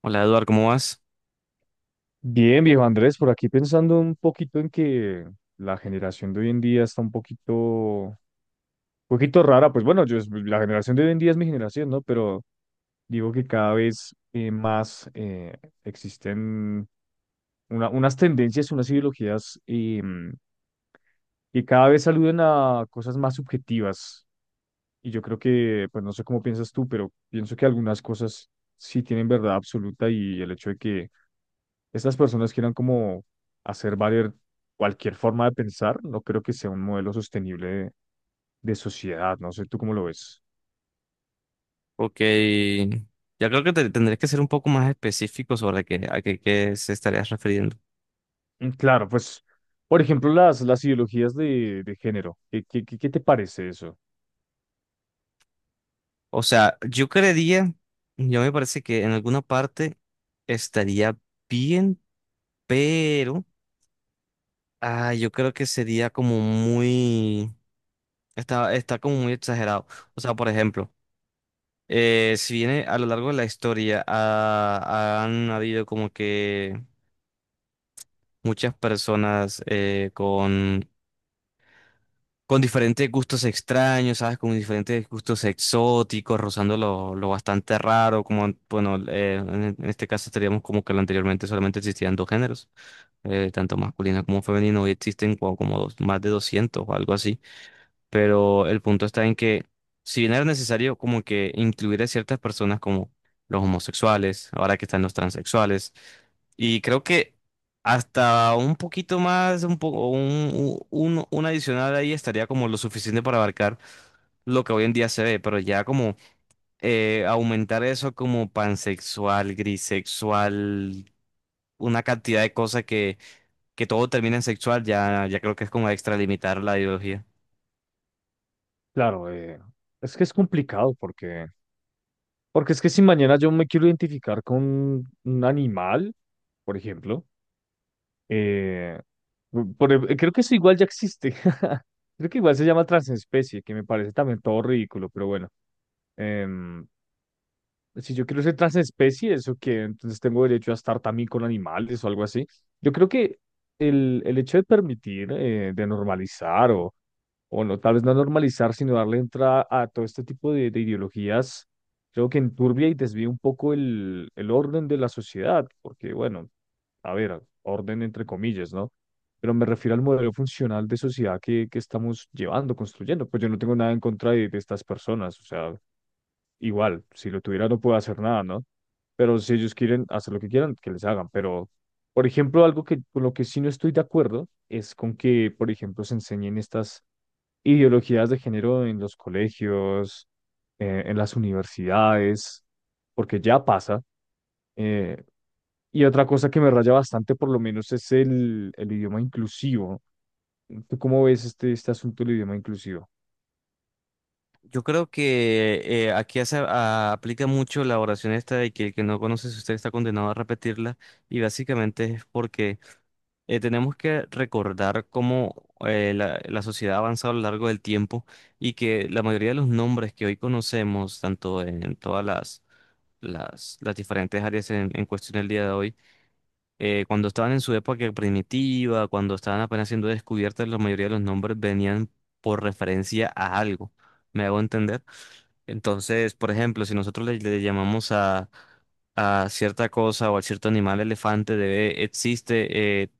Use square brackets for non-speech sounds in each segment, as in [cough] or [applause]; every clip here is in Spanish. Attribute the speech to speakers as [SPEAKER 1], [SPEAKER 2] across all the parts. [SPEAKER 1] Hola Eduard, ¿cómo vas?
[SPEAKER 2] Bien, viejo Andrés, por aquí pensando un poquito en que la generación de hoy en día está un poquito rara. Pues bueno, la generación de hoy en día es mi generación, ¿no? Pero digo que cada vez más existen unas tendencias, unas ideologías que cada vez aluden a cosas más subjetivas. Y yo creo que, pues no sé cómo piensas tú, pero pienso que algunas cosas sí tienen verdad absoluta y el hecho de que estas personas quieran como hacer valer cualquier forma de pensar, no creo que sea un modelo sostenible de sociedad, no sé tú cómo lo ves.
[SPEAKER 1] Ok, ya creo que tendré que ser un poco más específico sobre qué se estarías refiriendo.
[SPEAKER 2] Claro, pues, por ejemplo, las ideologías de género, ¿qué te parece eso?
[SPEAKER 1] O sea, yo me parece que en alguna parte estaría bien, pero yo creo que sería como está como muy exagerado. O sea, por ejemplo, si viene a lo largo de la historia, han habido como que muchas personas con diferentes gustos extraños, ¿sabes? Con diferentes gustos exóticos, rozando lo bastante raro, como, bueno, en este caso estaríamos como que lo anteriormente solamente existían dos géneros, tanto masculino como femenino, hoy existen como dos- más de 200 o algo así, pero el punto está en que si bien era necesario como que incluir a ciertas personas como los homosexuales, ahora que están los transexuales, y creo que hasta un poquito más, un poco, un adicional ahí estaría como lo suficiente para abarcar lo que hoy en día se ve, pero ya como aumentar eso como pansexual, grisexual, una cantidad de cosas que todo termina en sexual, ya creo que es como extralimitar la ideología.
[SPEAKER 2] Claro, es que es complicado porque, porque es que si mañana yo me quiero identificar con un animal, por ejemplo, eh, creo que eso igual ya existe. [laughs] Creo que igual se llama transespecie, que me parece también todo ridículo, pero bueno. Em, si yo quiero ser transespecie, ¿eso que Entonces tengo derecho a estar también con animales o algo así. Yo creo que el hecho de permitir, de normalizar o no, tal vez no normalizar, sino darle entrada a todo este tipo de ideologías, creo que enturbia y desvía un poco el orden de la sociedad, porque bueno, a ver, orden entre comillas, ¿no? Pero me refiero al modelo funcional de sociedad que estamos llevando, construyendo. Pues yo no tengo nada en contra de estas personas, o sea, igual, si lo tuviera no puedo hacer nada, ¿no? Pero si ellos quieren hacer lo que quieran, que les hagan. Pero, por ejemplo, algo que con lo que sí no estoy de acuerdo es con que, por ejemplo, se enseñen estas ideologías de género en los colegios, en las universidades, porque ya pasa. eh, y otra cosa que me raya bastante, por lo menos, es el idioma inclusivo. ¿Tú cómo ves este asunto del idioma inclusivo?
[SPEAKER 1] Yo creo que aplica mucho la oración esta de que el que no conoce su historia está condenado a repetirla, y básicamente es porque tenemos que recordar cómo la sociedad ha avanzado a lo largo del tiempo, y que la mayoría de los nombres que hoy conocemos, tanto en las diferentes áreas en cuestión el día de hoy, cuando estaban en su época primitiva, cuando estaban apenas siendo descubiertas, la mayoría de los nombres venían por referencia a algo. ¿Me hago entender? Entonces, por ejemplo, si nosotros le llamamos a cierta cosa o a cierto animal elefante, existe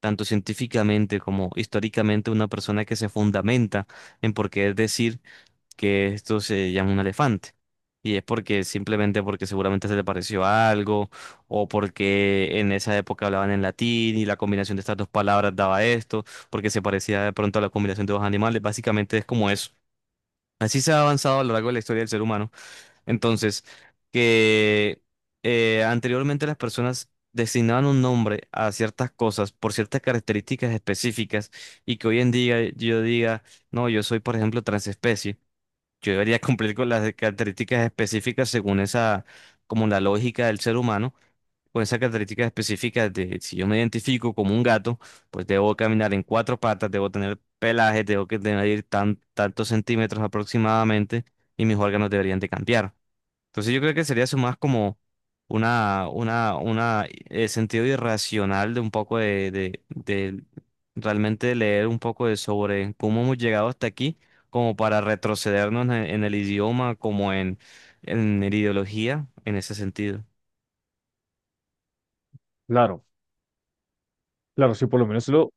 [SPEAKER 1] tanto científicamente como históricamente una persona que se fundamenta en por qué decir que esto se llama un elefante. Y es porque simplemente porque seguramente se le pareció a algo, o porque en esa época hablaban en latín y la combinación de estas dos palabras daba esto, porque se parecía de pronto a la combinación de dos animales. Básicamente es como eso. Así se ha avanzado a lo largo de la historia del ser humano. Entonces, que anteriormente las personas designaban un nombre a ciertas cosas por ciertas características específicas, y que hoy en día yo diga, no, yo soy, por ejemplo, transespecie. Yo debería [laughs] cumplir con las características específicas según esa, como la lógica del ser humano, con esas características específicas de si yo me identifico como un gato, pues debo caminar en cuatro patas, debo tener pelaje, debo que tener tantos centímetros aproximadamente, y mis órganos deberían de cambiar. Entonces yo creo que sería eso más como una sentido irracional de un poco de realmente leer un poco de sobre cómo hemos llegado hasta aquí, como para retrocedernos en el idioma, como en la ideología, en ese sentido.
[SPEAKER 2] Claro, claro, si por lo menos lo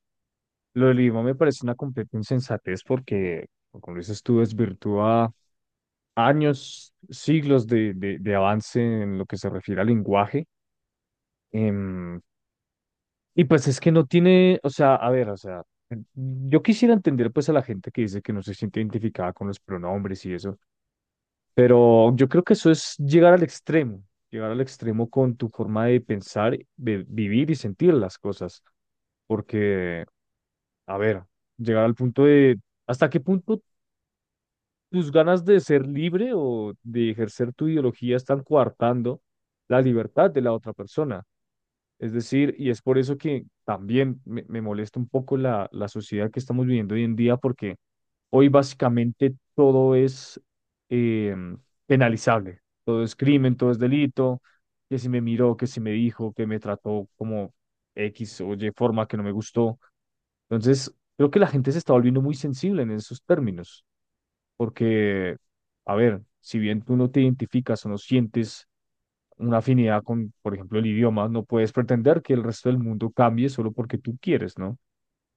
[SPEAKER 2] Lo del idioma me parece una completa insensatez porque, como dices tú, desvirtúa años, siglos de avance en lo que se refiere al lenguaje. Em, y pues es que no tiene, o sea, a ver, o sea, yo quisiera entender pues a la gente que dice que no se siente identificada con los pronombres y eso, pero yo creo que eso es llegar al extremo con tu forma de pensar, de vivir y sentir las cosas, porque, a ver, llegar al punto de... ¿Hasta qué punto tus ganas de ser libre o de ejercer tu ideología están coartando la libertad de la otra persona? Es decir, y es por eso que también me molesta un poco la sociedad que estamos viviendo hoy en día, porque hoy básicamente todo es eh, penalizable, todo es crimen, todo es delito, que si me miró, que si me dijo, que me trató como X o Y forma que no me gustó. Entonces, creo que la gente se está volviendo muy sensible en esos términos. Porque, a ver, si bien tú no te identificas o no sientes una afinidad con, por ejemplo, el idioma, no puedes pretender que el resto del mundo cambie solo porque tú quieres, ¿no?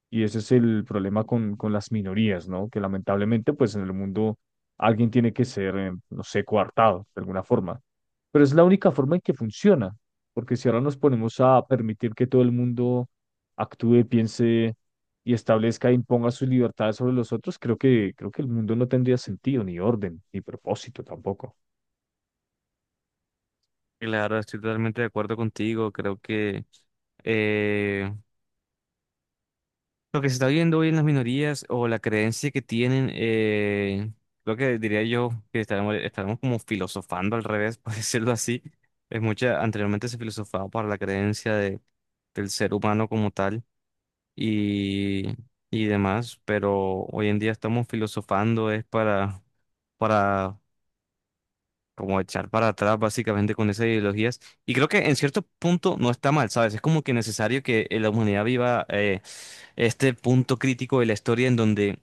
[SPEAKER 2] Y ese es el problema con las minorías, ¿no? Que lamentablemente, pues en el mundo alguien tiene que ser, no sé, coartado de alguna forma. Pero es la única forma en que funciona, porque si ahora nos ponemos a permitir que todo el mundo actúe, piense y establezca e imponga sus libertades sobre los otros, creo que el mundo no tendría sentido, ni orden, ni propósito tampoco.
[SPEAKER 1] Claro, estoy totalmente de acuerdo contigo. Creo que eh, lo que se está viendo hoy en las minorías o la creencia que tienen, lo que diría yo que estaremos como filosofando al revés, [laughs] por decirlo así. Es mucha, anteriormente se filosofaba para la creencia del ser humano como tal y, y demás, pero hoy en día estamos filosofando es para como echar para atrás básicamente con esas ideologías. Y creo que en cierto punto no está mal, ¿sabes? Es como que necesario que la humanidad viva este punto crítico de la historia en donde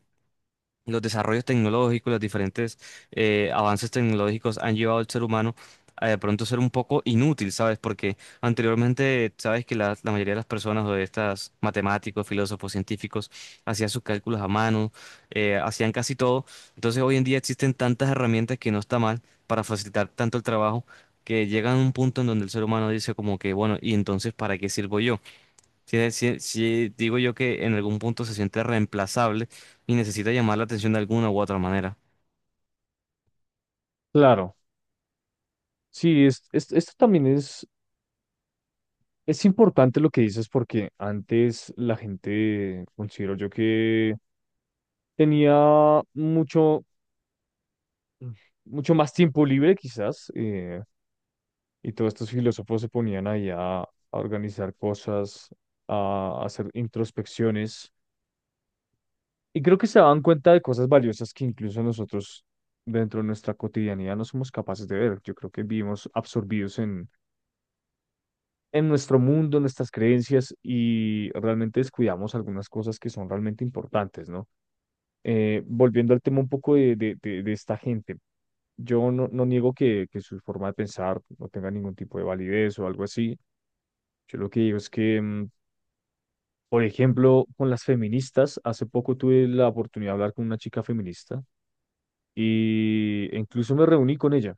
[SPEAKER 1] los desarrollos tecnológicos, los diferentes avances tecnológicos han llevado al ser humano a de pronto ser un poco inútil, ¿sabes? Porque anteriormente, sabes que la mayoría de las personas o de estas matemáticos, filósofos, científicos, hacían sus cálculos a mano, hacían casi todo. Entonces hoy en día existen tantas herramientas que no está mal para facilitar tanto el trabajo, que llegan a un punto en donde el ser humano dice como que, bueno, ¿y entonces para qué sirvo yo? Sí, sí, digo yo que en algún punto se siente reemplazable y necesita llamar la atención de alguna u otra manera.
[SPEAKER 2] Claro, sí, esto también es importante lo que dices porque antes la gente, considero yo que tenía mucho, mucho más tiempo libre quizás, y todos estos filósofos se ponían ahí a organizar cosas, a hacer introspecciones, y creo que se daban cuenta de cosas valiosas que incluso nosotros dentro de nuestra cotidianidad no somos capaces de ver. Yo creo que vivimos absorbidos en nuestro mundo, en nuestras creencias, y realmente descuidamos algunas cosas que son realmente importantes, ¿no? Volviendo al tema un poco de esta gente, yo no, no niego que su forma de pensar no tenga ningún tipo de validez o algo así. Yo lo que digo es que, mm, por ejemplo, con las feministas, hace poco tuve la oportunidad de hablar con una chica feminista y e incluso me reuní con ella.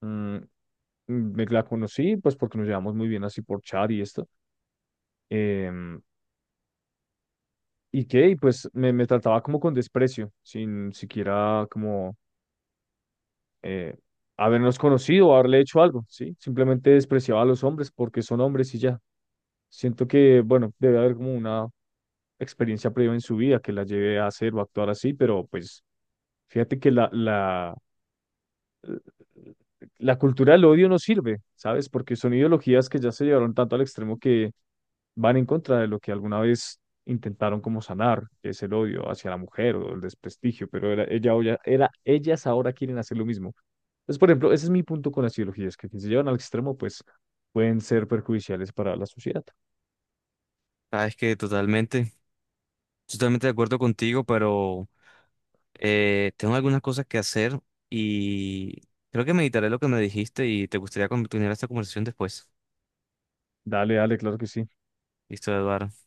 [SPEAKER 2] Mm, mm, Me la conocí, pues porque nos llevamos muy bien así por chat y esto. em, y que, y pues me trataba como con desprecio, sin siquiera como eh, habernos conocido o haberle hecho algo, ¿sí? Simplemente despreciaba a los hombres porque son hombres y ya. Siento que, bueno, debe haber como una experiencia previa en su vida que la lleve a hacer o a actuar así, pero pues fíjate que la cultura del odio no sirve, ¿sabes? Porque son ideologías que ya se llevaron tanto al extremo que van en contra de lo que alguna vez intentaron como sanar, que es el odio hacia la mujer o el desprestigio, pero era, ellas ahora quieren hacer lo mismo. Entonces, por ejemplo, ese es mi punto con las ideologías, que si se llevan al extremo, pues pueden ser perjudiciales para la sociedad.
[SPEAKER 1] Sabes que totalmente de acuerdo contigo, pero tengo algunas cosas que hacer, y creo que meditaré lo que me dijiste y te gustaría continuar esta conversación después.
[SPEAKER 2] Dale, dale, claro que sí.
[SPEAKER 1] Listo, Eduardo.